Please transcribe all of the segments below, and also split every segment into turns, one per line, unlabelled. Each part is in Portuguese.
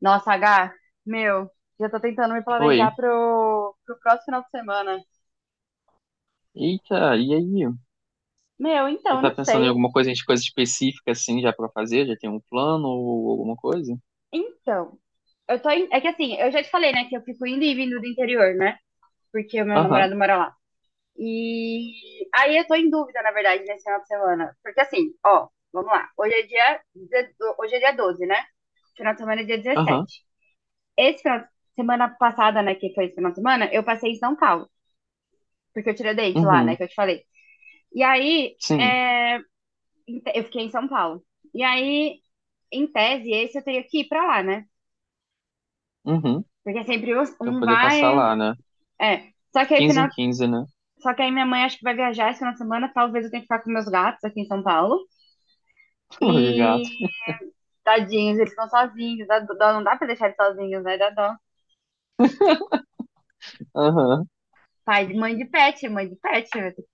Nossa, H, meu, já tô tentando me
Oi.
planejar pro próximo final de semana.
Eita, e aí?
Meu, então,
Você
eu
tá
não
pensando em
sei.
alguma coisa, em coisa específica assim já pra fazer? Já tem um plano ou alguma coisa?
Então, é que assim, eu já te falei, né, que eu fico indo e vindo do interior, né? Porque o meu
Aham,
namorado mora lá. E aí eu tô em dúvida, na verdade, nesse final de semana. Porque assim, ó, vamos lá. Hoje é dia 12, né? Final de semana é dia
aham,
17. Esse final de semana passada, né, que foi esse final de semana, eu passei em São Paulo, porque eu tirei o dente lá, né,
uhum,
que eu te falei. E aí,
sim,
eu fiquei em São Paulo. E aí, em tese, esse eu teria que ir pra lá, né?
uhum.
Porque é sempre
Pra
um
poder passar
vai.
lá, né?
É. Só que aí,
15 em
final...
15, né?
Só que aí minha mãe acho que vai viajar esse final de semana. Talvez eu tenha que ficar com meus gatos aqui em São Paulo.
Meu
E
gato.
tadinhos, eles estão sozinhos. Dá dó, não dá pra deixar eles sozinhos, né? Dá dó.
Aham.
Pai de mãe de pet, mãe de pet. Vai ter que-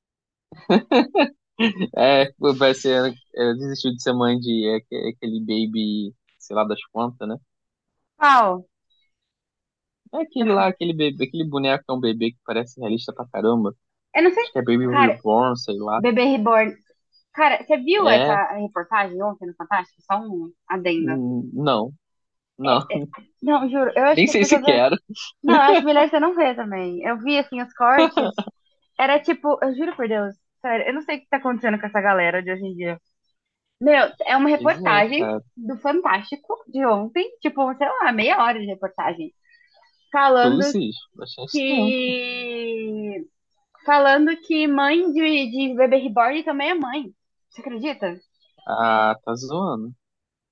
É, vai ser. É, desistiu de ser mãe de aquele baby, sei lá das quantas, né?
Pau.
É aquele lá, aquele bebê, aquele boneco que é um bebê que parece realista pra caramba.
Eu não sei.
Acho que é Baby
Cara,
Reborn, sei lá.
bebê reborn. Cara, você viu
É.
essa reportagem ontem no Fantástico? Só um adendo.
Hum, não, não.
É, não, juro, eu acho
Nem
que as
sei se
pessoas.
quero.
Não, acho melhor você não ver também. Eu vi, assim, os cortes. Era tipo, eu juro por Deus, sério, eu não sei o que tá acontecendo com essa galera de hoje em dia. Meu, é uma
Pois é,
reportagem
cara.
do Fantástico de ontem, tipo, sei lá, meia hora de reportagem, falando
Cruzes, bastante tempo.
que. Falando que mãe de bebê reborn também é mãe. Você acredita?
Ah, tá zoando.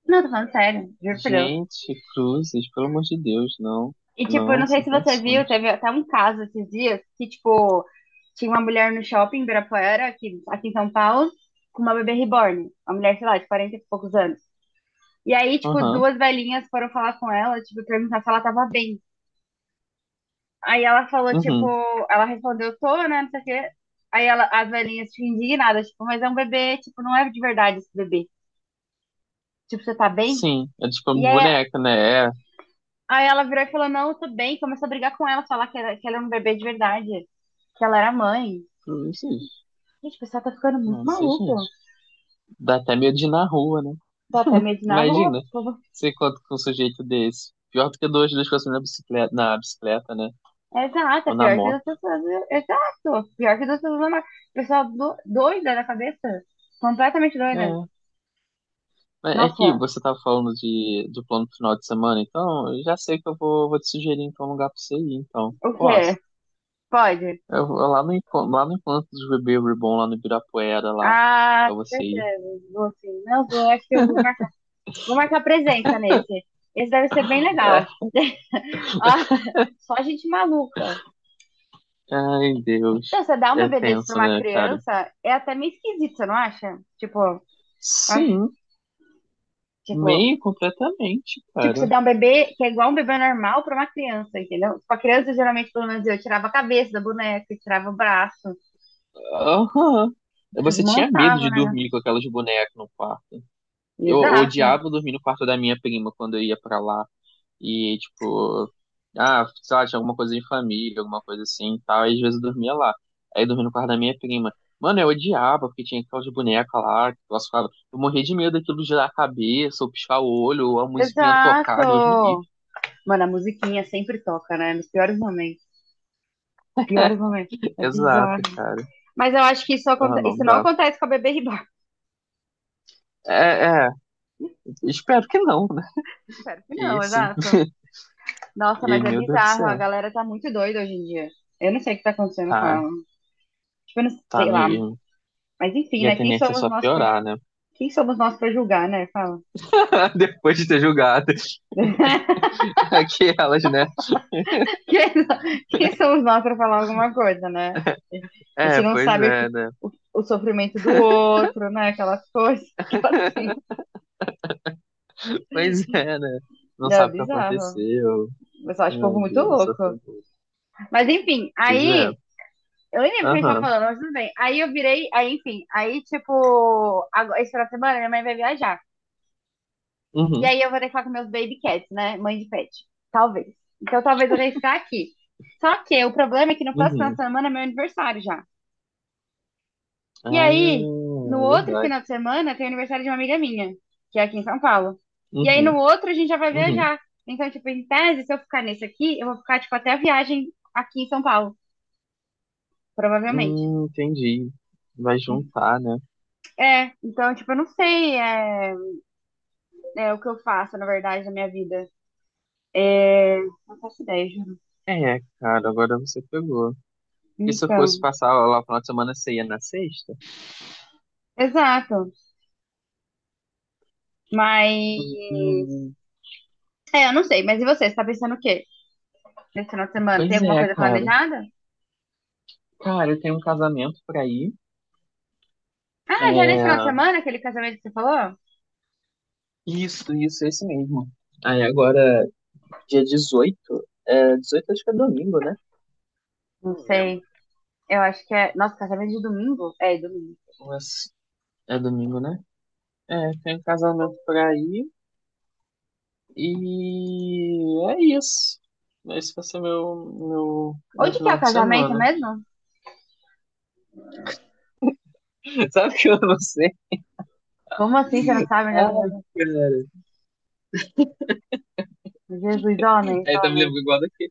Não, tô falando sério, juro por Deus.
Gente, cruzes, pelo amor de Deus, não.
E, tipo, eu
Não,
não sei
sem
se você viu,
condições.
teve até um caso esses dias que, tipo, tinha uma mulher no shopping em Ibirapuera, aqui em São Paulo, com uma bebê reborn. Uma mulher, sei lá, de 40 e poucos anos. E aí, tipo,
Aham,
duas velhinhas foram falar com ela, tipo, perguntar se ela tava bem. Aí ela falou, tipo,
uhum,
ela respondeu, tô, né, não sei o quê. Aí ela, as velhinhas, tipo, indignadas, tipo, mas é um bebê, tipo, não é de verdade esse bebê. Tipo, você tá bem?
sim, é tipo uma
E aí,
boneca, né? É,
aí ela virou e falou, não, eu tô bem. Começou a brigar com ela, falar que, era, que ela era um bebê de verdade, que ela era mãe.
cruzes.
Gente, o pessoal tá ficando muito
Nossa, gente.
maluco.
Dá até medo de ir na rua, né?
Dá até medo na rua, o
Imagina,
povo.
você encontra com um sujeito desse. Pior do que duas pessoas na bicicleta, né?
Exato, é
Ou na
pior que
moto.
das pessoas. Exato, pior que das pessoas normais. Pessoal doida da cabeça. Completamente doida.
É. Mas é que
Nossa,
você tava falando do plano pro final de semana, então eu já sei que eu vou te sugerir então um lugar pra você ir, então.
o quê?
Posso?
Pode?
Eu vou lá lá no encontro dos bebês Reborn, lá no Ibirapuera, lá,
Ah,
pra
com
você ir.
certeza. Vou sim. Não vou, acho que eu vou marcar. Vou marcar presença nesse. Esse deve ser bem
É,
legal. Nossa, só gente maluca.
ai,
Então,
Deus.
você dá um
É
bebê desse pra
tenso,
uma
né, cara?
criança é até meio esquisito, você não acha? Acho-
Sim,
tipo,
meio completamente,
Tipo,
cara.
você dá um bebê que é igual um bebê normal para uma criança, entendeu? Com a criança, geralmente, pelo menos eu tirava a cabeça da boneca, eu tirava o braço,
Aham. Você tinha medo
desmontava,
de
né?
dormir com aquelas bonecas no quarto. Eu
Exato,
odiava dormir no quarto da minha prima quando eu ia pra lá. E, tipo, ah, sei lá, tinha alguma coisa de família, alguma coisa assim e tal. E às vezes eu dormia lá. Aí eu dormia no quarto da minha prima. Mano, eu odiava, porque tinha aquelas bonecas lá, que eu ficava. Eu morria de medo daquilo girar a cabeça, ou piscar o olho, ou a musiquinha tocar, Deus me livre.
exato. Mano, a musiquinha sempre toca, né? Nos piores momentos. Piores momentos. É bizarro.
Exato, cara.
Mas eu acho que isso,
Ah,
aconte...
não
isso não
dá.
acontece com a bebê Reborn.
É, é, espero que não, né?
Espero que
Que
não,
isso.
exato. Nossa,
Que,
mas é
meu Deus do
bizarro. A
céu.
galera tá muito doida hoje em dia. Eu não sei o que tá acontecendo com
Tá,
a. Tipo, eu não
tá
sei lá.
mesmo.
Mas
E
enfim,
a
né? Quem
tendência é
somos
só
nós pra...
piorar, né?
Quem somos nós pra julgar, né? Fala.
Depois de ter julgado.
Quem,
Aquelas, né?
quem somos nós para falar alguma coisa, né? A gente
É,
não
pois
sabe
é, né?
o, o sofrimento do outro, né? Aquelas coisas que assim.
Pois é, né? Não
É
sabe o que
bizarro.
aconteceu.
Eu só acho o povo
Ai,
muito
Deus, só
louco.
foi bom.
Mas enfim,
Pois é.
aí. Eu nem lembro o que a gente tava
Aham.
falando, mas tudo bem. Aí eu virei, aí enfim, aí tipo, agora, esse final de semana minha mãe vai viajar. E
Uhum.
aí eu vou ter que falar com meus baby cats, né? Mãe de pet. Talvez. Então talvez eu tenha que ficar aqui. Só que o problema é que no próximo final de
Uhum.
semana é meu aniversário já. E
Ah,
aí, no
é
outro final
verdade.
de semana, tem aniversário de uma amiga minha, que é aqui em São Paulo. E aí, no
Uhum.
outro, a gente já vai
Uhum.
viajar. Então, tipo, em tese, se eu ficar nesse aqui, eu vou ficar, tipo, até a viagem aqui em São Paulo, provavelmente.
Entendi. Vai juntar, né?
É, então, tipo, eu não sei é, o que eu faço, na verdade, na minha vida. É, não faço ideia, juro.
É, cara, agora você pegou. E se eu fosse
Então,
passar lá o final de semana, você ia na sexta?
exato. Mas,
Hum,
é, eu não sei. Mas e você? Você tá pensando o quê? Nesse final de semana, tem
Pois
alguma
é,
coisa
cara.
planejada?
Cara, eu tenho um casamento pra ir.
Ah, já nesse final de
É,
semana, aquele casamento que você falou?
isso, esse mesmo. Aí agora, dia 18 é, 18 acho que é domingo, né?
Não
Não lembro,
sei. Eu acho que é. Nossa, casamento de domingo? É, domingo.
mas é domingo, né? É, tem um casamento pra ir e é isso. Esse vai ser meu
Onde que é
final
o
de
casamento
semana.
mesmo?
Sabe o que eu não sei?
Como assim? Você não sabe onde é o
Ai,
casamento?
cara.
Jesus, homens,
Aí tá me
homens.
lembrando igual daqui.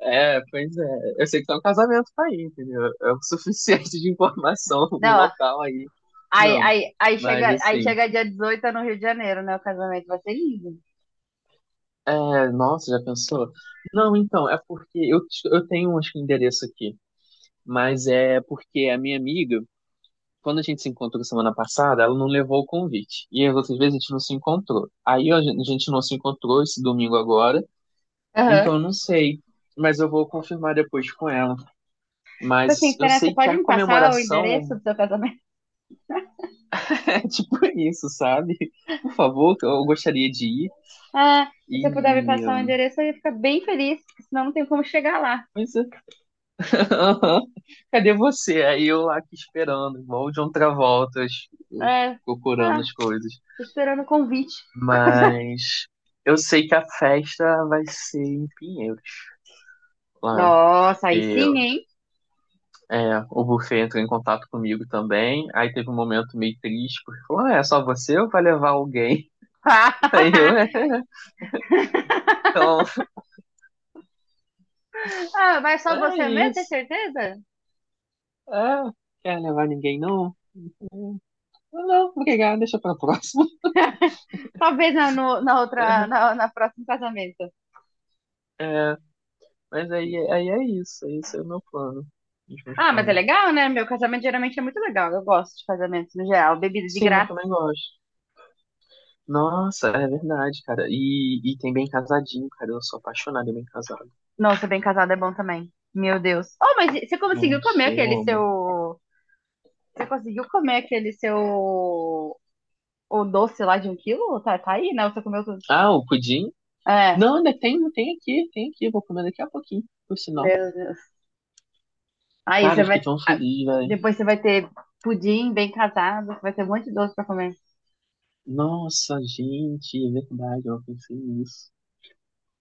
É, pois é. Eu sei que tem um casamento pra ir, entendeu? É o suficiente de informação, o
Não, ó,
local aí.
aí,
Não,
aí, aí,
mas
chega, aí
assim.
chega dia 18 no Rio de Janeiro, né? O casamento vai ser lindo.
É, nossa, já pensou? Não, então, é porque eu tenho acho que um endereço aqui, mas é porque a minha amiga. Quando a gente se encontrou semana passada, ela não levou o convite. E as outras vezes a gente não se encontrou. Aí a gente não se encontrou esse domingo agora,
Aham.
então eu não sei. Mas eu vou confirmar depois com ela.
Tipo assim,
Mas eu
será que você
sei que
pode
a
me passar o endereço
comemoração
do seu casamento?
é tipo isso, sabe? Por favor, eu gostaria de ir.
Ah, se você puder me
E.
passar o endereço, eu ia ficar bem feliz, porque senão não tem como chegar lá.
Mas, cadê você? Aí eu lá aqui esperando, igual o John Travolta,
É.
procurando
Ah,
as coisas.
tô esperando o convite.
Mas eu sei que a festa vai ser em Pinheiros, lá.
Nossa,
Porque
aí sim,
eu-
hein?
É, o buffet entrou em contato comigo também. Aí teve um momento meio triste, porque falou: ah, é só você ou vai levar alguém? Aí eu, então,
Ah, mas só
é
você mesmo, tem
isso.
certeza?
É, quer levar ninguém não? Não, não, obrigado, deixa pra próxima.
Talvez na, no- na outra, na, na próximo casamento.
É, mas aí é isso, esse é o meu plano, os meus
Ah, mas é
planos.
legal, né? Meu casamento geralmente é muito legal. Eu gosto de casamentos no geral. Bebida de
Sim, eu
graça.
também gosto. Nossa, é verdade, cara. E tem bem casadinho, cara. Eu sou apaixonado em bem casado.
Nossa, bem casado é bom também. Meu Deus. Oh, mas você conseguiu
Nossa,
comer
eu
aquele
amo.
seu. Você conseguiu comer aquele seu. O doce lá de 1 quilo? Tá, tá aí, né? Você comeu tudo.
Ah, o pudim?
É,
Não, ainda tem aqui, tem aqui. Eu vou comer daqui a pouquinho, por sinal.
meu Deus. Aí
Cara,
você
eu
vai.
fiquei tão
ah,
feliz, velho.
Depois você vai ter pudim bem casado. Vai ter um monte de doce pra comer.
Nossa, gente, é verdade, eu não pensei nisso.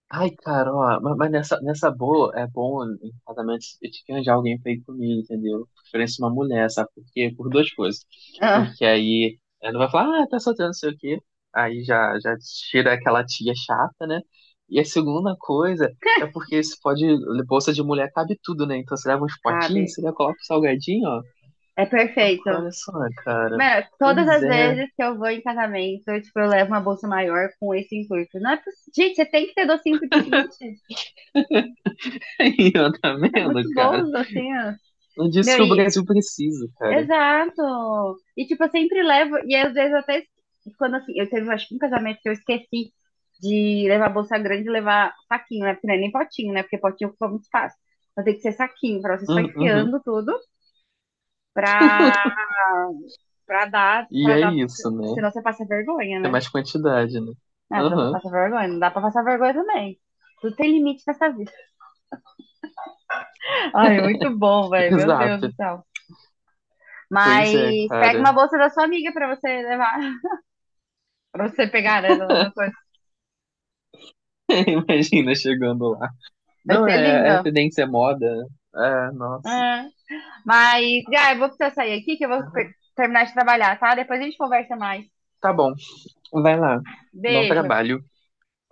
Ai, cara, ó, mas nessa, boa, é bom em casamentos eu te arranjar alguém pra ir comigo, entendeu? Preferência uma mulher, sabe? Porque, por duas coisas. Porque aí ela não vai falar, ah, tá solteiro, não sei o quê. Aí já, já tira aquela tia chata, né? E a segunda coisa é porque você pode, bolsa de mulher cabe tudo, né? Então você leva uns potinhos,
Sabe?
você já coloca o salgadinho, ó.
É
Ó,
perfeito.
olha só, cara.
Mano, todas
Pois
as
é.
vezes que eu vou em casamento, eu, tipo, eu levo uma bolsa maior com esse intuito. Não é possível. Gente, você tem que ter docinho pro dia seguinte.
Aí, ó, tá
É
vendo,
muito bom
cara?
os docinhos.
Não disso
Meu,
que o
e.
Brasil precisa, cara.
Exato. E, tipo, eu sempre levo. E às vezes eu até. Quando assim, eu teve, acho que um casamento que eu esqueci de levar bolsa grande e levar saquinho, né? Porque não é nem potinho, né? Porque potinho ocupa muito espaço. Então tem que ser saquinho, pra você só
Uhum.
enfiando tudo. pra, pra dar,
E
pra
é
dar,
isso, né?
senão você passa vergonha,
É
né?
mais quantidade, né?
Ah, senão você
Aham,
passa vergonha, não dá pra passar vergonha também. Tudo tem limite nessa vida. Ai, muito bom, velho, meu Deus
exato.
do céu.
Pois é,
Mas pega
cara.
uma bolsa da sua amiga pra você levar, pra você pegar, né? Ela não foi-
Imagina chegando lá.
Vai
Não,
ser
é,
lindo.
é tendência é moda, né? É, nossa.
É. Mas, já, eu vou precisar sair aqui que eu vou terminar de trabalhar, tá? Depois a gente conversa mais.
Tá bom, vai lá. Bom
Beijo.
trabalho.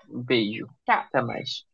Beijo.
Tchau.
Até mais.